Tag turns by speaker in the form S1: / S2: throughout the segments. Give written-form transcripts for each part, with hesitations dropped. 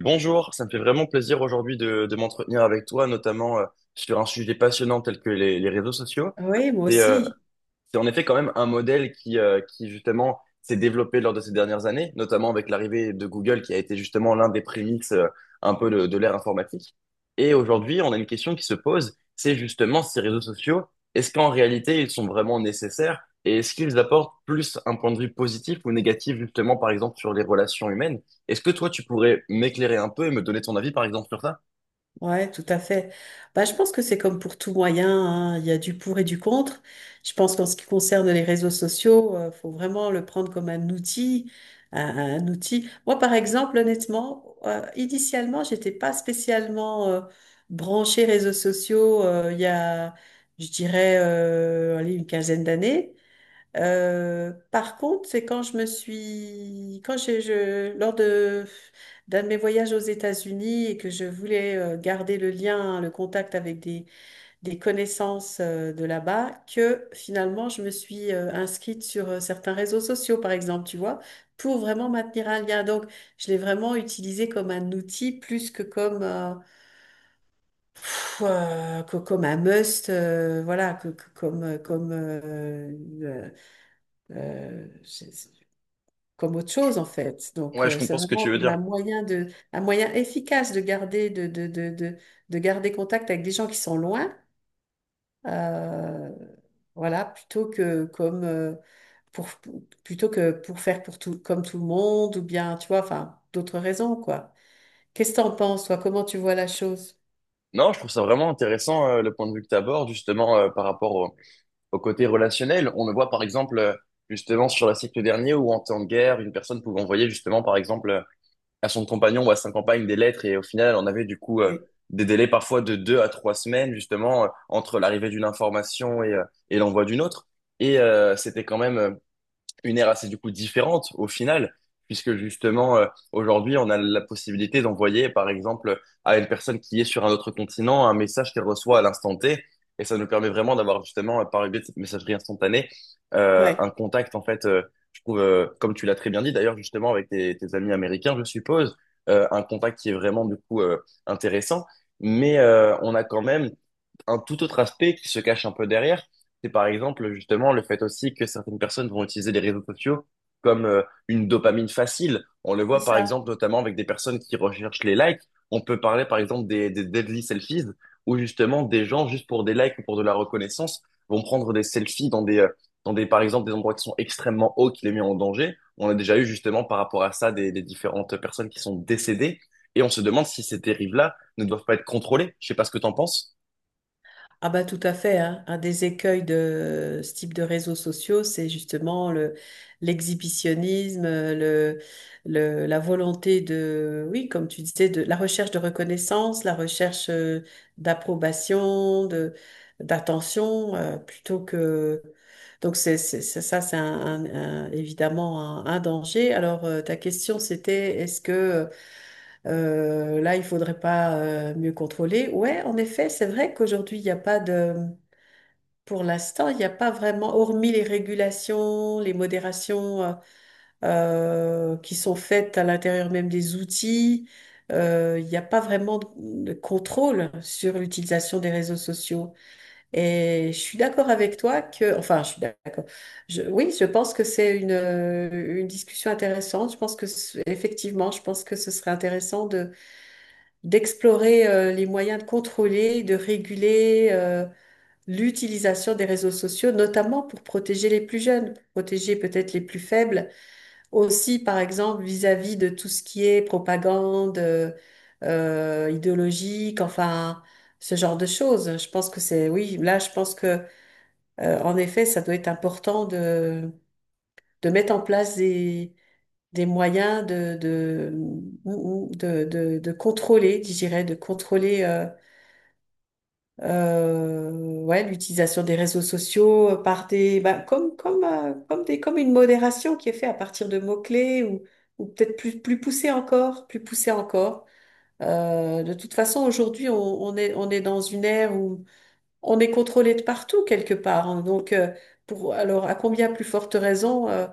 S1: Bonjour, ça me fait vraiment plaisir aujourd'hui de m'entretenir avec toi, notamment sur un sujet passionnant tel que les réseaux sociaux.
S2: Oui, moi aussi.
S1: C'est en effet quand même un modèle qui qui justement s'est développé lors de ces dernières années, notamment avec l'arrivée de Google qui a été justement l'un des prémices un peu de l'ère informatique. Et aujourd'hui, on a une question qui se pose, c'est justement ces réseaux sociaux, est-ce qu'en réalité ils sont vraiment nécessaires et est-ce qu'ils apportent plus un point de vue positif ou négatif justement par exemple sur les relations humaines? Est-ce que toi tu pourrais m'éclairer un peu et me donner ton avis par exemple sur ça?
S2: Ouais, tout à fait. Bah, je pense que c'est comme pour tout moyen, hein. Il y a du pour et du contre. Je pense qu'en ce qui concerne les réseaux sociaux, faut vraiment le prendre comme un outil, un outil. Moi, par exemple, honnêtement, initialement, j'étais pas spécialement branchée réseaux sociaux. Il y a, je dirais, allez, une quinzaine d'années. Par contre, c'est quand je me suis, quand j'ai, je, lors de d'un de mes voyages aux États-Unis et que je voulais garder le lien, le contact avec des connaissances de là-bas, que finalement je me suis inscrite sur certains réseaux sociaux, par exemple, tu vois, pour vraiment maintenir un lien. Donc, je l'ai vraiment utilisé comme un outil plus que comme un must, voilà, comme euh, euh, comme autre chose en fait. Donc
S1: Ouais, je
S2: c'est
S1: comprends ce que tu
S2: vraiment
S1: veux
S2: comme un
S1: dire.
S2: moyen de, un moyen efficace de garder, de garder contact avec des gens qui sont loin, euh, voilà, pour, plutôt que pour comme tout le monde ou bien, tu vois, enfin d'autres raisons quoi. Qu'est-ce que t'en penses toi? Comment tu vois la chose?
S1: Non, je trouve ça vraiment intéressant le point de vue que tu abordes justement par rapport au au côté relationnel. On le voit par exemple justement sur la siècle dernier où en temps de guerre, une personne pouvait envoyer justement par exemple à son compagnon ou à sa compagne des lettres et au final on avait du coup
S2: Et-
S1: des délais parfois de 2 à 3 semaines justement entre l'arrivée d'une information et et l'envoi d'une autre. Et c'était quand même une ère assez du coup différente au final, puisque justement aujourd'hui on a la possibilité d'envoyer par exemple à une personne qui est sur un autre continent un message qu'elle reçoit à l'instant T, et ça nous permet vraiment d'avoir justement par le biais de cette messagerie instantanée
S2: Ouais,
S1: un contact en fait, je trouve comme tu l'as très bien dit d'ailleurs justement avec tes amis américains je suppose, un contact qui est vraiment du coup intéressant, mais on a quand même un tout autre aspect qui se cache un peu derrière, c'est par exemple justement le fait aussi que certaines personnes vont utiliser les réseaux sociaux comme une dopamine facile. On le
S2: c'est
S1: voit par
S2: ça.
S1: exemple notamment avec des personnes qui recherchent les likes. On peut parler par exemple des deadly selfies où justement des gens juste pour des likes ou pour de la reconnaissance vont prendre des selfies dans des par exemple des endroits qui sont extrêmement hauts qui les mettent en danger. On a déjà eu justement par rapport à ça des différentes personnes qui sont décédées et on se demande si ces dérives-là ne doivent pas être contrôlées. Je sais pas ce que t'en penses.
S2: Ah bah tout à fait, hein. Un des écueils de ce type de réseaux sociaux, c'est justement le l'exhibitionnisme, la volonté de, oui, comme tu disais, de la recherche de reconnaissance, la recherche d'approbation, de d'attention, plutôt que donc ça, c'est évidemment un danger. Alors ta question c'était est-ce que là, il faudrait pas mieux contrôler. Ouais, en effet, c'est vrai qu'aujourd'hui, il n'y a pas de, pour l'instant, il n'y a pas vraiment, hormis les régulations, les modérations qui sont faites à l'intérieur même des outils, il n'y a pas vraiment de contrôle sur l'utilisation des réseaux sociaux. Et je suis d'accord avec toi que, enfin, je suis d'accord. Oui, je pense que c'est une discussion intéressante. Je pense que, effectivement, je pense que ce serait intéressant d'explorer les moyens de contrôler, de réguler l'utilisation des réseaux sociaux, notamment pour protéger les plus jeunes, protéger peut-être les plus faibles, aussi par exemple vis-à-vis de tout ce qui est propagande idéologique, enfin ce genre de choses. Je pense que c'est, oui, là je pense que en effet ça doit être important de mettre en place des moyens de contrôler, je dirais, de contrôler Euh, ouais, l'utilisation des réseaux sociaux par des, bah, comme une modération qui est faite à partir de mots-clés ou peut-être plus poussée encore, plus poussée encore. De toute façon, aujourd'hui, on est dans une ère où on est contrôlé de partout quelque part, hein. Donc, alors, à combien plus forte raison,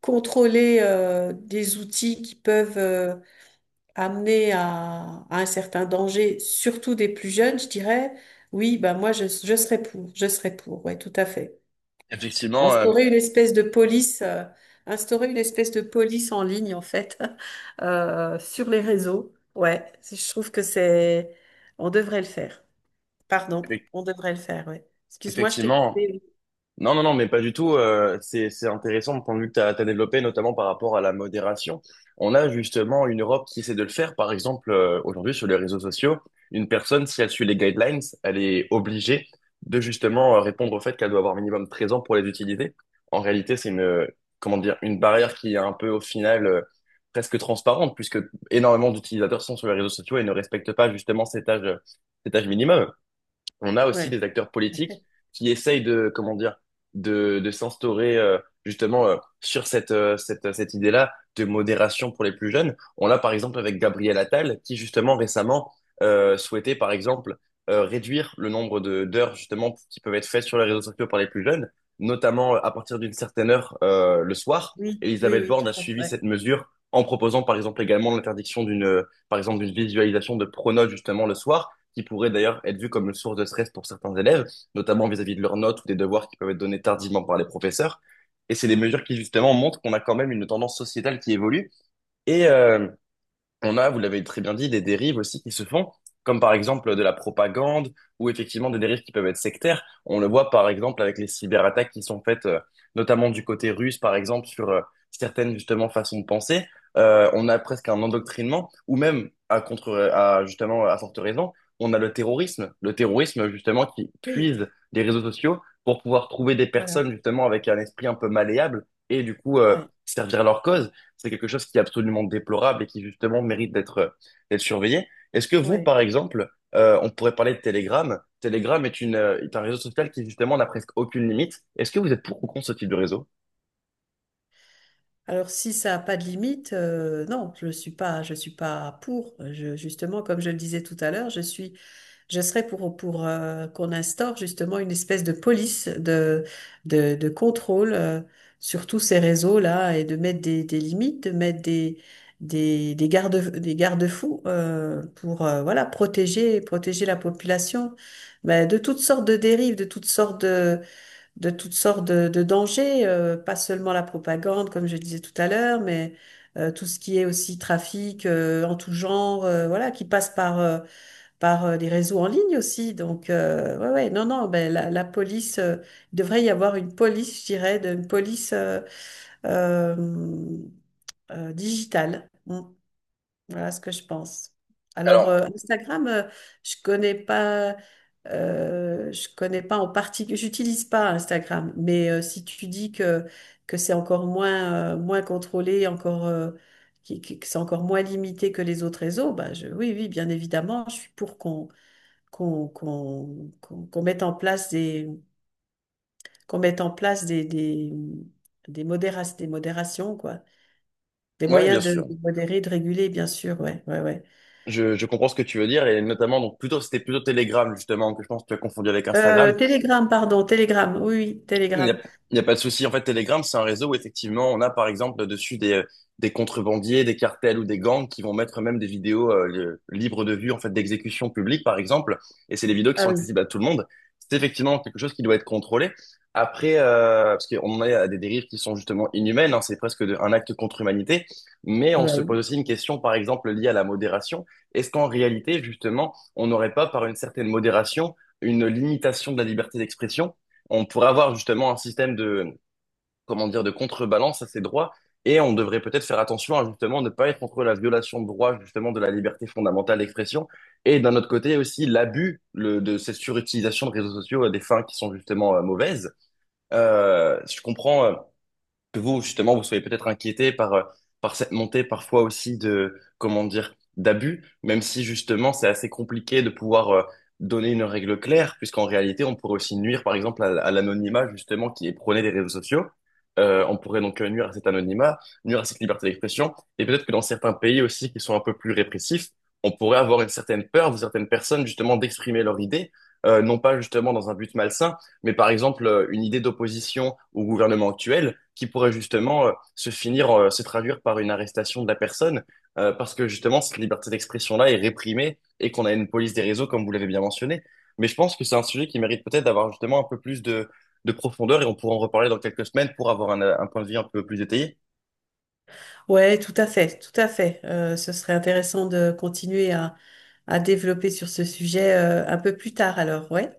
S2: contrôler des outils qui peuvent, amenés à un certain danger, surtout des plus jeunes, je dirais, oui, bah je serais pour, ouais, tout à fait.
S1: Effectivement,
S2: Instaurer une espèce de police, instaurer une espèce de police en ligne en fait, sur les réseaux, ouais, je trouve que c'est, on devrait le faire. Pardon,
S1: effec-
S2: on devrait le faire, ouais. Excuse-moi, je t'ai
S1: effectivement.
S2: coupé.
S1: Non, non, non, mais pas du tout. C'est intéressant le point de vue que tu as développé, notamment par rapport à la modération. On a justement une Europe qui essaie de le faire. Par exemple, aujourd'hui, sur les réseaux sociaux, une personne, si elle suit les guidelines, elle est obligée de justement répondre au fait qu'elle doit avoir minimum 13 ans pour les utiliser. En réalité, c'est comment dire, une barrière qui est un peu, au final, presque transparente, puisque énormément d'utilisateurs sont sur les réseaux sociaux et ne respectent pas justement cet âge minimum. On a
S2: Oui.
S1: aussi
S2: Ouais,
S1: des acteurs
S2: tout à
S1: politiques
S2: fait.
S1: qui essayent de, comment dire, de s'instaurer justement sur cette idée-là de modération pour les plus jeunes. On l'a par exemple avec Gabriel Attal qui justement récemment souhaitait par exemple réduire le nombre de d'heures justement qui peuvent être faites sur les réseaux sociaux par les plus jeunes, notamment à partir d'une certaine heure le soir.
S2: Oui, oui,
S1: Elisabeth
S2: oui,
S1: Borne
S2: tout
S1: a
S2: à fait.
S1: suivi
S2: Ouais.
S1: cette mesure en proposant par exemple également l'interdiction d'une par exemple d'une visualisation de pronos justement le soir qui pourrait d'ailleurs être vu comme une source de stress pour certains élèves, notamment vis-à-vis de leurs notes ou des devoirs qui peuvent être donnés tardivement par les professeurs. Et c'est des mesures qui justement montrent qu'on a quand même une tendance sociétale qui évolue. Et on a, vous l'avez très bien dit, des dérives aussi qui se font, comme par exemple de la propagande ou effectivement des dérives qui peuvent être sectaires. On le voit par exemple avec les cyberattaques qui sont faites, notamment du côté russe, par exemple, sur certaines justement façons de penser. On a presque un endoctrinement, ou même à contre, à justement à forte raison, on a le terrorisme justement qui
S2: Oui,
S1: puise les réseaux sociaux pour pouvoir trouver des
S2: voilà.
S1: personnes justement avec un esprit un peu malléable et du coup
S2: Ouais,
S1: servir leur cause. C'est quelque chose qui est absolument déplorable et qui justement mérite d'être d'être surveillé. Est-ce que vous,
S2: ouais.
S1: par exemple, on pourrait parler de Telegram. Telegram est est un réseau social qui justement n'a presque aucune limite. Est-ce que vous êtes pour ou contre ce type de réseau?
S2: Alors, si ça n'a pas de limite, non, je suis pas pour. Justement, comme je le disais tout à l'heure, je suis, je serais pour qu'on instaure justement une espèce de police de contrôle sur tous ces réseaux-là et de mettre des limites, de mettre des garde, des garde-fous pour voilà, protéger, protéger la population mais de toutes sortes de dérives, de toutes sortes de dangers, pas seulement la propagande, comme je disais tout à l'heure, mais tout ce qui est aussi trafic en tout genre, voilà, qui passe par des réseaux en ligne aussi. Donc, ouais, ouais, non, non, ben la police, il devrait y avoir une police, je dirais, une police euh, digitale. Mm. Voilà ce que je pense. Alors,
S1: Alors,
S2: Instagram, je connais pas, je connais pas en particulier, j'utilise pas Instagram, mais si tu dis que c'est encore moins, moins contrôlé, encore, que c'est encore moins limité que les autres réseaux, bah je, oui, oui, bien évidemment, je suis pour qu'on mette en place des, qu'on mette en place des modérations, quoi. Des
S1: ouais, bien
S2: moyens
S1: sûr.
S2: de modérer, de réguler, bien sûr, ouais, ouais, ouais.
S1: Je comprends ce que tu veux dire et notamment donc plutôt c'était plutôt Telegram justement que je pense que tu as confondu avec Instagram.
S2: Telegram, pardon, Telegram, oui, oui,
S1: Il n'y a,
S2: Telegram.
S1: il y a pas de souci. En fait, Telegram, c'est un réseau où effectivement, on a par exemple dessus des contrebandiers, des cartels ou des gangs qui vont mettre même des vidéos libres de vue, en fait, d'exécution publique, par exemple. Et c'est des vidéos qui
S2: Ah
S1: sont
S2: oui.
S1: accessibles à tout le monde. C'est effectivement quelque chose qui doit être contrôlé. Après, parce qu'on en est à des dérives qui sont justement inhumaines, hein, c'est presque un acte contre humanité. Mais
S2: Ah
S1: on
S2: bah
S1: se
S2: oui.
S1: pose aussi une question, par exemple, liée à la modération. Est-ce qu'en réalité, justement, on n'aurait pas, par une certaine modération, une limitation de la liberté d'expression? On pourrait avoir justement un système de, comment dire, de contrebalance à ces droits et on devrait peut-être faire attention à justement ne pas être contre la violation de droits justement de la liberté fondamentale d'expression et d'un autre côté aussi l'abus de cette surutilisation de réseaux sociaux à des fins qui sont justement mauvaises. Je comprends que vous, justement, vous soyez peut-être inquiété par par cette montée parfois aussi de, comment dire, d'abus, même si justement c'est assez compliqué de pouvoir donner une règle claire, puisqu'en réalité on pourrait aussi nuire par exemple à l'anonymat justement qui est prôné des réseaux sociaux. On pourrait donc nuire à cet anonymat, nuire à cette liberté d'expression, et peut-être que dans certains pays aussi qui sont un peu plus répressifs, on pourrait avoir une certaine peur de certaines personnes justement d'exprimer leur idée, non pas justement dans un but malsain, mais par exemple une idée d'opposition au gouvernement actuel qui pourrait justement se finir, se traduire par une arrestation de la personne, parce que justement cette liberté d'expression-là est réprimée et qu'on a une police des réseaux, comme vous l'avez bien mentionné. Mais je pense que c'est un sujet qui mérite peut-être d'avoir justement un peu plus de profondeur et on pourra en reparler dans quelques semaines pour avoir un point de vue un peu plus détaillé.
S2: Ouais, tout à fait, tout à fait. Ce serait intéressant de continuer à développer sur ce sujet un peu plus tard alors, ouais.